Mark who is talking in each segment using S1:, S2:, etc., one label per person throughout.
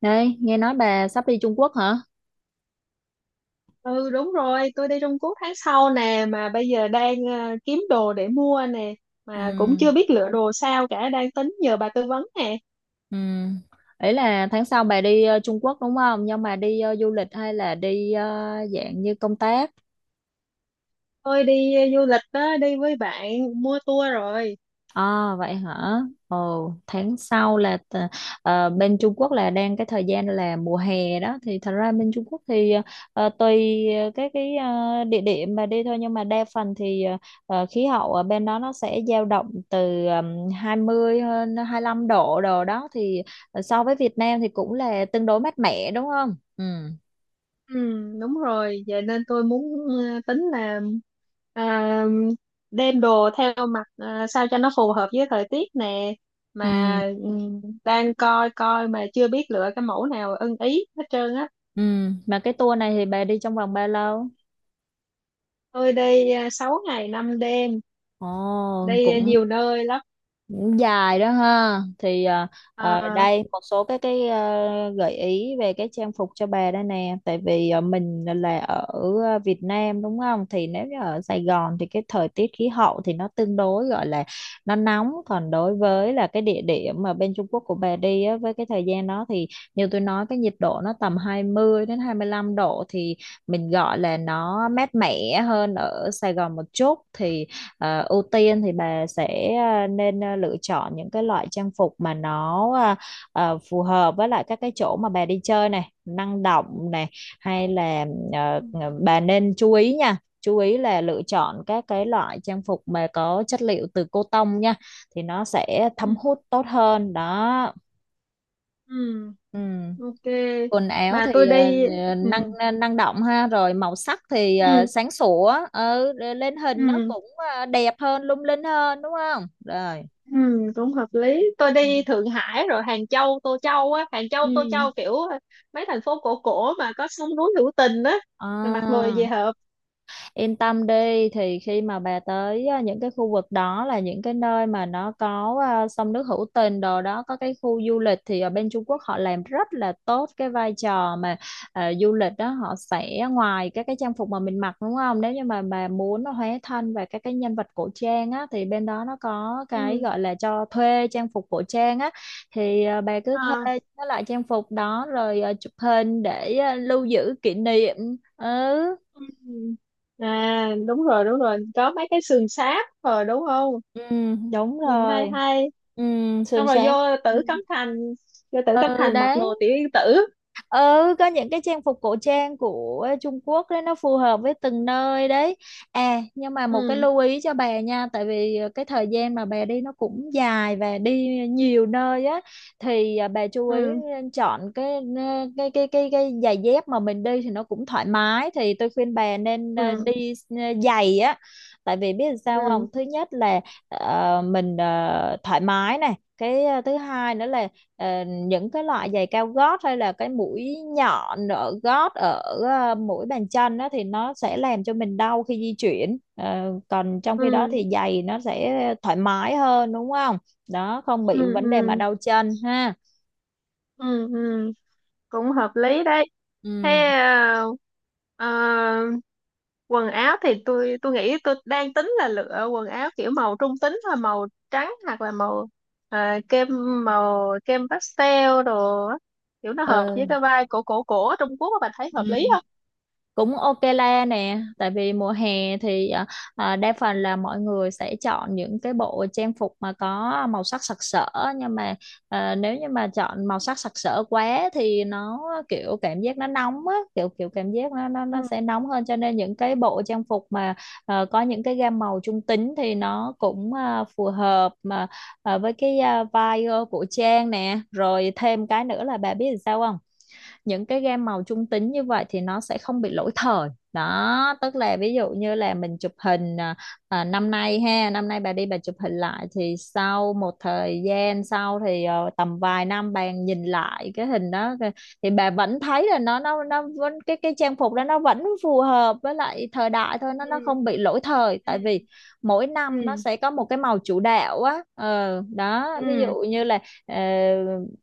S1: Đây, nghe nói bà sắp đi Trung Quốc hả?
S2: Ừ, đúng rồi, tôi đi Trung Quốc tháng sau nè, mà bây giờ đang kiếm đồ để mua nè, mà cũng
S1: Ừ,
S2: chưa biết lựa đồ sao cả, đang tính nhờ bà tư vấn nè.
S1: ừ. Ý là tháng sau bà đi Trung Quốc đúng không? Nhưng mà đi du lịch hay là đi dạng như công tác?
S2: Tôi đi du lịch đó, đi với bạn, mua tour rồi.
S1: À, vậy hả? Ồ, tháng sau là bên Trung Quốc là đang cái thời gian là mùa hè đó thì thật ra bên Trung Quốc thì tùy cái địa điểm mà đi thôi, nhưng mà đa phần thì khí hậu ở bên đó nó sẽ dao động từ 20 hơn 25 độ đồ đó, thì so với Việt Nam thì cũng là tương đối mát mẻ đúng không? Ừ.
S2: Ừ, đúng rồi, vậy nên tôi muốn ờ, tính là à, đem đồ theo mặt, sao cho nó phù hợp với thời tiết nè, mà
S1: Ừ.
S2: đang coi coi mà chưa biết lựa cái mẫu nào ưng ý hết trơn á.
S1: Ừ. Mà cái tour này thì bà đi trong vòng bao lâu?
S2: Tôi đi 6 ngày 5 đêm,
S1: Ồ,
S2: đây
S1: cũng.
S2: nhiều nơi lắm
S1: Cũng dài đó ha, thì
S2: à.
S1: đây một số cái gợi ý về cái trang phục cho bà đây nè, tại vì mình là ở Việt Nam đúng không, thì nếu như ở Sài Gòn thì cái thời tiết khí hậu thì nó tương đối gọi là nó nóng, còn đối với là cái địa điểm mà bên Trung Quốc của bà đi á, với cái thời gian đó thì như tôi nói cái nhiệt độ nó tầm 20 đến 25 độ, thì mình gọi là nó mát mẻ hơn ở Sài Gòn một chút. Thì ưu tiên thì bà sẽ nên lựa chọn những cái loại trang phục mà nó phù hợp với lại các cái chỗ mà bà đi chơi này, năng động này, hay là
S2: Ừ,
S1: ờ, bà nên chú ý nha. Chú ý là lựa chọn các cái loại trang phục mà có chất liệu từ cotton nha, thì nó sẽ
S2: ừ,
S1: thấm hút tốt hơn đó.
S2: ừ,
S1: Ừ,
S2: ok
S1: quần áo
S2: mà
S1: thì
S2: tôi đi
S1: năng
S2: ừ,
S1: năng động ha, rồi màu sắc thì
S2: ừ,
S1: sáng sủa, ừ, lên hình nó
S2: ừ,
S1: cũng đẹp hơn, lung linh hơn đúng không. Rồi.
S2: ừ, cũng hợp lý. Tôi đi Thượng Hải rồi Hàng Châu Tô Châu á, Hàng Châu Tô
S1: Ừ.
S2: Châu kiểu mấy thành phố cổ cổ mà có sông núi hữu tình á, rồi mặc đồ về
S1: À.
S2: hợp.
S1: Yên tâm đi, thì khi mà bà tới những cái khu vực đó là những cái nơi mà nó có sông nước hữu tình đồ đó, có cái khu du lịch thì ở bên Trung Quốc họ làm rất là tốt cái vai trò mà du lịch đó. Họ sẽ, ngoài các cái trang phục mà mình mặc đúng không, nếu như mà bà muốn nó hóa thân về các cái nhân vật cổ trang á thì bên đó nó có cái
S2: Ừ.
S1: gọi là cho thuê trang phục cổ trang á. Thì bà cứ thuê
S2: À.
S1: cái loại trang phục đó rồi chụp hình để lưu giữ kỷ niệm. Ừ.
S2: Ừ. À, đúng rồi, đúng rồi, có mấy cái sườn sáp rồi đúng không,
S1: Ừ, đúng
S2: nhìn hay
S1: rồi.
S2: hay,
S1: Ừ,
S2: xong
S1: sườn
S2: rồi vô
S1: xám. Ừ.
S2: Tử Cấm Thành,
S1: Ừ,
S2: Mặc
S1: đấy.
S2: đồ tiểu yên tử.
S1: Ừ, có những cái trang phục cổ trang của Trung Quốc đấy, nó phù hợp với từng nơi đấy. À, nhưng mà một cái
S2: Ừ,
S1: lưu ý cho bà nha, tại vì cái thời gian mà bà đi nó cũng dài và đi nhiều nơi á, thì bà chú ý
S2: ừ,
S1: chọn cái cái giày dép mà mình đi thì nó cũng thoải mái. Thì tôi khuyên bà nên
S2: ừ,
S1: đi giày á. Tại vì biết làm sao không,
S2: ừ,
S1: thứ nhất là mình thoải mái này, cái thứ hai nữa là những cái loại giày cao gót hay là cái mũi nhọn ở gót, ở mũi bàn chân đó, thì nó sẽ làm cho mình đau khi di chuyển. Ờ, còn trong khi đó
S2: ừ,
S1: thì giày nó sẽ thoải mái hơn đúng không, đó không
S2: ừ,
S1: bị vấn đề mà
S2: ừ,
S1: đau chân ha.
S2: ừ, ừ, cũng hợp lý đấy. Thế,
S1: Ừ.
S2: ờ, quần áo thì tôi nghĩ tôi đang tính là lựa quần áo kiểu màu trung tính thôi, màu trắng hoặc là màu ờ, kem, màu kem pastel đồ á, kiểu nó hợp với
S1: Ừ.
S2: cái vibe cổ cổ cổ ở Trung Quốc á, bạn thấy
S1: Ừ.
S2: hợp lý không?
S1: Cũng ok la nè, tại vì mùa hè thì đa phần là mọi người sẽ chọn những cái bộ trang phục mà có màu sắc sặc sỡ, nhưng mà nếu như mà chọn màu sắc sặc sỡ quá thì nó, kiểu cảm giác nó nóng á, kiểu kiểu cảm giác nó nó
S2: Ừ,
S1: nó sẽ nóng hơn. Cho nên những cái bộ trang phục mà có những cái gam màu trung tính thì nó cũng phù hợp mà với cái vibe của trang nè. Rồi thêm cái nữa là bà biết làm sao không, những cái gam màu trung tính như vậy thì nó sẽ không bị lỗi thời đó, tức là ví dụ như là mình chụp hình năm nay ha, năm nay bà đi, bà chụp hình lại thì sau một thời gian sau thì tầm vài năm bà nhìn lại cái hình đó, thì bà vẫn thấy là nó vẫn, cái trang phục đó nó vẫn phù hợp với lại thời đại thôi,
S2: ừ,
S1: nó không bị lỗi thời. Tại
S2: ừ,
S1: vì mỗi năm nó
S2: ừ,
S1: sẽ có một cái màu chủ đạo á, ờ, đó, ví
S2: ừ,
S1: dụ như là ờ,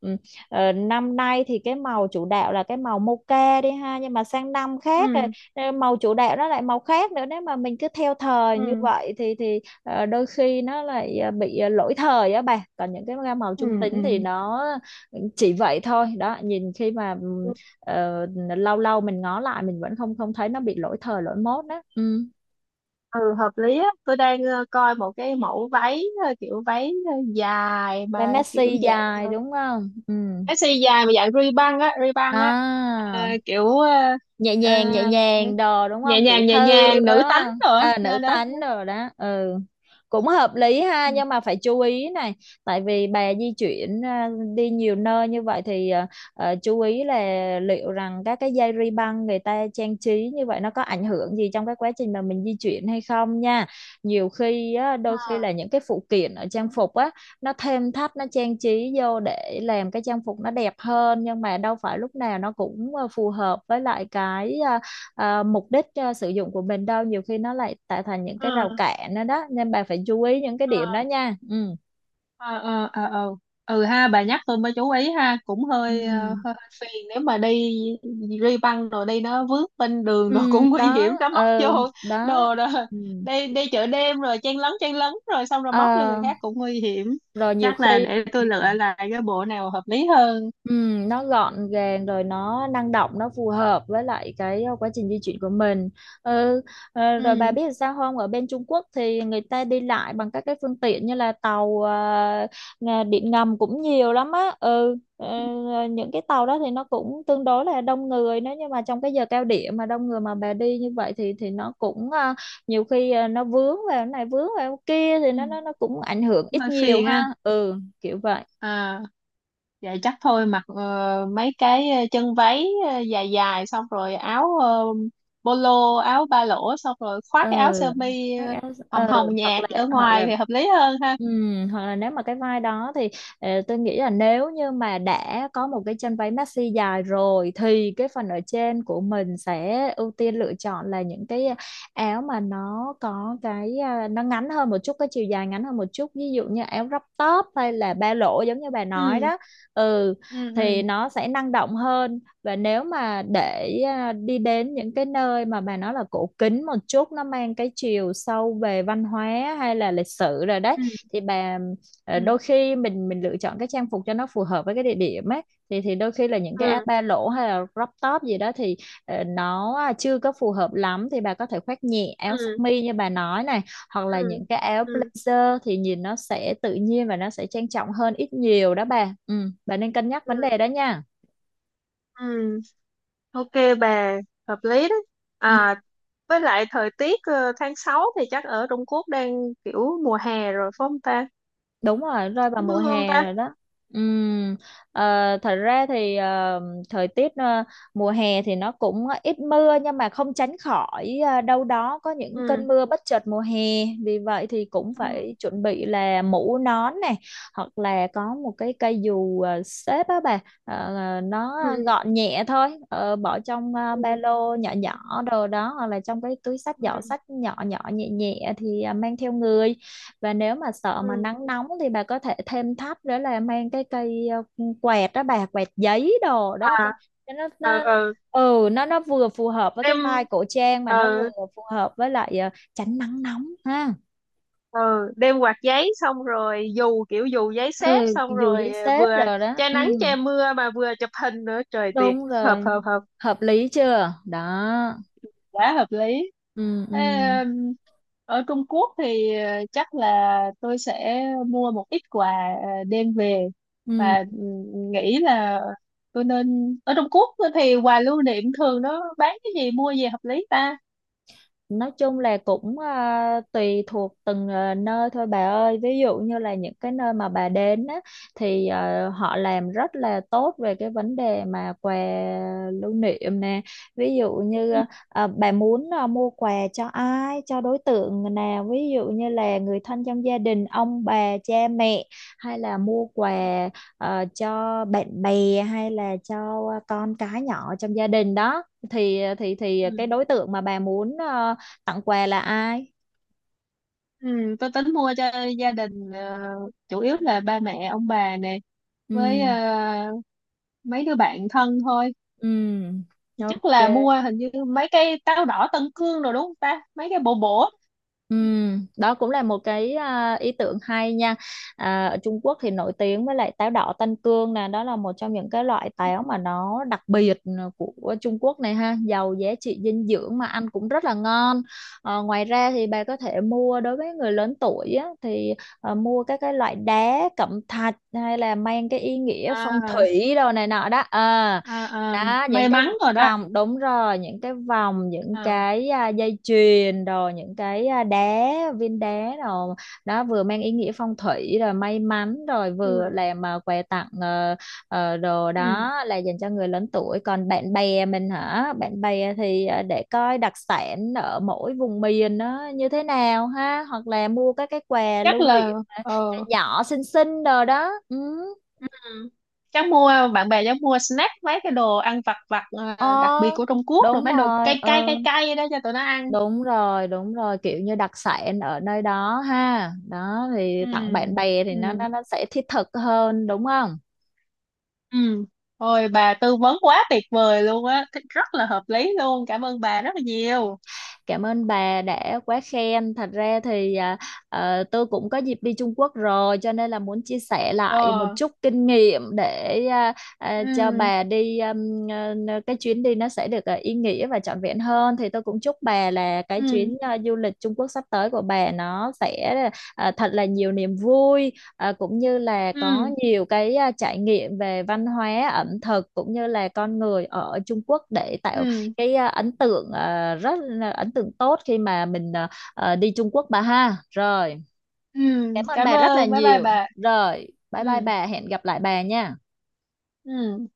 S1: ừ, ờ, năm nay thì cái màu chủ đạo là cái màu mocha đi ha, nhưng mà sang năm khác rồi
S2: ừ,
S1: màu chủ đạo nó lại màu khác nữa. Nếu mà mình cứ theo thời như
S2: ừ,
S1: vậy thì đôi khi nó lại bị lỗi thời á bà, còn những cái gam màu trung tính thì
S2: ừ,
S1: nó chỉ vậy thôi đó, nhìn khi mà
S2: ừ,
S1: ờ, lâu lâu mình ngó lại mình vẫn không không thấy nó bị lỗi thời lỗi mốt đó. Ừ.
S2: ừ, hợp lý á. Tôi đang coi một cái mẫu váy, kiểu váy dài
S1: Bé
S2: mà kiểu
S1: Messi
S2: dạng,
S1: dài đúng không. Ừ.
S2: cái size dài mà dạng ri băng á,
S1: À,
S2: kiểu ờ,
S1: nhẹ nhàng đồ đúng không, tiểu
S2: nhẹ
S1: thư đúng
S2: nhàng nữ tánh
S1: không,
S2: rồi á,
S1: à, nữ
S2: nên đó.
S1: tánh rồi đó. Ừ, cũng hợp lý ha,
S2: Ừ.
S1: nhưng mà phải chú ý này. Tại vì bà di chuyển đi nhiều nơi như vậy thì chú ý là liệu rằng các cái dây ri băng người ta trang trí như vậy nó có ảnh hưởng gì trong cái quá trình mà mình di chuyển hay không nha. Nhiều khi á, đôi khi là những cái phụ kiện ở trang phục á, nó thêm thắt nó trang trí vô để làm cái trang phục nó đẹp hơn, nhưng mà đâu phải lúc nào nó cũng phù hợp với lại cái mục đích sử dụng của mình đâu. Nhiều khi nó lại tạo thành những cái
S2: Ờ.
S1: rào cản đó, đó nên bà phải chú ý những cái
S2: Ờ.
S1: điểm đó nha. Ừ.
S2: Ờ, ờ, ờ, ờ. Ừ ha, bà nhắc tôi mới chú ý ha, cũng
S1: Ừ.
S2: hơi hơi phiền nếu mà đi ri băng rồi đi nó vướng bên đường rồi
S1: Ừ,
S2: cũng nguy hiểm,
S1: đó.
S2: nó móc
S1: Ừ,
S2: vô
S1: đó.
S2: đồ rồi,
S1: Ừ.
S2: đi đi chợ đêm rồi chen lấn rồi xong rồi móc vô người
S1: Ờ,
S2: khác cũng nguy hiểm.
S1: rồi nhiều
S2: Chắc là
S1: khi.
S2: để
S1: Ừ.
S2: tôi lựa lại cái bộ nào hợp lý hơn.
S1: Ừ, nó gọn gàng, rồi nó năng động, nó phù hợp với lại cái quá trình di chuyển của mình. Ừ, ờ, rồi bà
S2: Ừ,
S1: biết làm sao không, ở bên Trung Quốc thì người ta đi lại bằng các cái phương tiện như là tàu điện ngầm cũng nhiều lắm á. Ừ, ờ,
S2: ừ,
S1: những cái tàu đó thì nó cũng tương đối là đông người. Nếu như mà trong cái giờ cao điểm mà đông người mà bà đi như vậy thì nó cũng nhiều khi nó vướng vào cái này vướng vào cái kia, thì nó
S2: ừ,
S1: nó nó cũng ảnh hưởng
S2: cũng
S1: ít
S2: hơi
S1: nhiều
S2: phiền
S1: ha.
S2: ha.
S1: Ừ. Kiểu vậy.
S2: À, vậy chắc thôi mặc mấy cái chân váy dài dài, xong rồi áo polo, áo ba lỗ, xong rồi khoác
S1: Ừ,
S2: cái áo sơ mi
S1: phát áo.
S2: hồng
S1: Ừ,
S2: hồng
S1: hoặc
S2: nhạt
S1: là,
S2: ở
S1: hoặc
S2: ngoài
S1: là,
S2: thì hợp lý hơn ha.
S1: ừ, hoặc là nếu mà cái vai đó thì tôi nghĩ là nếu như mà đã có một cái chân váy maxi dài rồi, thì cái phần ở trên của mình sẽ ưu tiên lựa chọn là những cái áo mà nó có cái nó ngắn hơn một chút, cái chiều dài ngắn hơn một chút, ví dụ như áo crop top hay là ba lỗ giống như bà nói
S2: Ừ,
S1: đó. Ừ,
S2: ừ,
S1: thì
S2: ừ,
S1: nó sẽ năng động hơn. Và nếu mà để đi đến những cái nơi mà bà nói là cổ kính một chút, nó mang cái chiều sâu về văn hóa hay là lịch sử rồi đấy,
S2: ừ,
S1: thì bà
S2: ừ,
S1: đôi khi mình lựa chọn cái trang phục cho nó phù hợp với cái địa điểm ấy, thì đôi khi là những cái áo
S2: ừ,
S1: ba lỗ hay là crop top gì đó thì nó chưa có phù hợp lắm, thì bà có thể khoác nhẹ
S2: ừ,
S1: áo sơ
S2: ừ,
S1: mi như bà nói này, hoặc là những cái áo
S2: ừ,
S1: blazer thì nhìn nó sẽ tự nhiên và nó sẽ trang trọng hơn ít nhiều đó bà. Ừ, bà nên cân nhắc
S2: ừ,
S1: vấn đề đó nha.
S2: ừ, ok bà, hợp lý đó.
S1: Ừ,
S2: À, với lại thời tiết tháng 6 thì chắc ở Trung Quốc đang kiểu mùa hè rồi phải không ta?
S1: đúng rồi, rơi
S2: Chắc
S1: vào
S2: có
S1: mùa
S2: mưa không
S1: hè
S2: ta?
S1: rồi đó. Ừm, thật ra thì thời tiết mùa hè thì nó cũng ít mưa, nhưng mà không tránh khỏi đâu đó có những
S2: Ừ,
S1: cơn mưa bất chợt mùa hè. Vì vậy thì cũng
S2: ừ,
S1: phải chuẩn bị là mũ nón này, hoặc là có một cái cây dù xếp á bà. Ờ, ờ, nó
S2: ừ,
S1: gọn nhẹ thôi. Ờ, bỏ trong ba
S2: ừ,
S1: lô nhỏ nhỏ đồ đó, hoặc là trong cái túi xách, giỏ
S2: ừ,
S1: xách nhỏ nhỏ nhẹ nhẹ, thì mang theo người. Và nếu mà Sợ mà
S2: ừ.
S1: nắng nóng thì bà có thể thêm thắt nữa là mang cái cây quẹt đó, bà quẹt giấy đồ đó
S2: À,
S1: cho nó,
S2: ờ
S1: nó
S2: ờ
S1: ừ nó vừa phù hợp với cái
S2: đem
S1: vai cổ trang mà nó vừa
S2: ờ
S1: phù hợp với lại tránh nắng nóng ha.
S2: ờ đem quạt giấy, xong rồi dù, kiểu dù giấy xếp,
S1: Ừ,
S2: xong
S1: dù giấy
S2: rồi
S1: xếp
S2: vừa
S1: rồi đó,
S2: che
S1: ừ,
S2: nắng che mưa mà vừa chụp hình nữa, trời tuyệt,
S1: đúng
S2: hợp
S1: rồi,
S2: hợp hợp,
S1: hợp lý chưa đó.
S2: quá hợp lý.
S1: Ừ, ừ,
S2: Thế, um, ở Trung Quốc thì chắc là tôi sẽ mua một ít quà đem về,
S1: ừ.
S2: và nghĩ là tôi nên, ở Trung Quốc thì quà lưu niệm thường nó bán cái gì, mua gì hợp lý ta.
S1: Nói chung là cũng tùy thuộc từng nơi thôi bà ơi. Ví dụ như là những cái nơi mà bà đến á, thì họ làm rất là tốt về cái vấn đề mà quà lưu niệm nè. Ví dụ như
S2: Ừ.
S1: bà muốn mua quà cho ai, cho đối tượng nào. Ví dụ như là người thân trong gia đình, ông bà, cha mẹ. Hay là mua quà cho bạn bè hay là cho con cái nhỏ trong gia đình đó. Thì thì cái
S2: Ừ.
S1: đối tượng mà bà muốn tặng quà là ai.
S2: Ừ, tôi tính mua cho gia đình, chủ yếu là ba mẹ ông bà nè, với
S1: Ừ,
S2: mấy đứa bạn thân thôi.
S1: ừ,
S2: Thì chắc
S1: ok,
S2: là mua hình như mấy cây táo đỏ Tân Cương rồi đúng không ta, mấy cái bổ bổ.
S1: ừ, đó cũng là một cái ý tưởng hay nha. À, ở Trung Quốc thì nổi tiếng với lại táo đỏ Tân Cương nè, đó là một trong những cái loại táo mà nó đặc biệt, của Trung Quốc này ha, giàu giá trị dinh dưỡng mà ăn cũng rất là ngon. Ờ, ngoài ra thì bà có thể mua đối với người lớn tuổi á, thì mua các cái loại đá cẩm thạch hay là mang cái ý nghĩa phong
S2: À,
S1: thủy đồ này nọ đó. Ờ,
S2: à, à,
S1: đó những
S2: may
S1: cái
S2: mắn rồi đó.
S1: vòng, đúng rồi, những cái vòng, những
S2: À,
S1: cái dây chuyền, rồi những cái đá, viên đá, rồi đó vừa mang ý nghĩa phong thủy rồi may mắn rồi vừa
S2: ừ,
S1: làm quà tặng, đồ
S2: ừ,
S1: đó là dành cho người lớn tuổi. Còn bạn bè mình hả, bạn bè thì để coi đặc sản ở mỗi vùng miền nó như thế nào ha, hoặc là mua các cái quà
S2: chắc
S1: lưu niệm
S2: là ờ
S1: nhỏ xinh xinh đồ đó. Ừ.
S2: ừ, chắc mua bạn bè chắc mua snack, mấy cái đồ ăn vặt vặt
S1: Ờ,
S2: đặc biệt của Trung Quốc, rồi
S1: đúng
S2: mấy đồ
S1: rồi,
S2: cay
S1: ừ.
S2: cay cay cay đó cho tụi nó ăn.
S1: Đúng rồi, kiểu như đặc sản ở nơi đó ha. Đó thì
S2: Ừ,
S1: tặng bạn bè thì nó
S2: ừ.
S1: nó nó sẽ thiết thực hơn đúng không?
S2: Ừ. Ôi bà tư vấn quá tuyệt vời luôn á, rất là hợp lý luôn. Cảm ơn bà rất là nhiều.
S1: Cảm ơn bà đã quá khen. Thật ra thì tôi cũng có dịp đi Trung Quốc rồi cho nên là muốn chia sẻ lại một
S2: Ờ.
S1: chút kinh nghiệm để cho
S2: Ừ.
S1: bà đi cái chuyến đi nó sẽ được ý nghĩa và trọn vẹn hơn. Thì tôi cũng chúc bà là cái
S2: Ừ.
S1: chuyến du lịch Trung Quốc sắp tới của bà nó sẽ thật là nhiều niềm vui, cũng như là có
S2: Ừ.
S1: nhiều cái trải nghiệm về văn hóa, ẩm thực cũng như là con người ở Trung Quốc, để tạo
S2: Ừ.
S1: cái rất là ấn tượng tốt khi mà mình đi Trung Quốc bà ha. Rồi
S2: Ừ.
S1: cảm ơn
S2: Cảm
S1: bà rất là
S2: ơn. Bye bye
S1: nhiều,
S2: bà.
S1: rồi bye bye
S2: Ừ.
S1: bà, hẹn gặp lại bà nha.
S2: Ừ.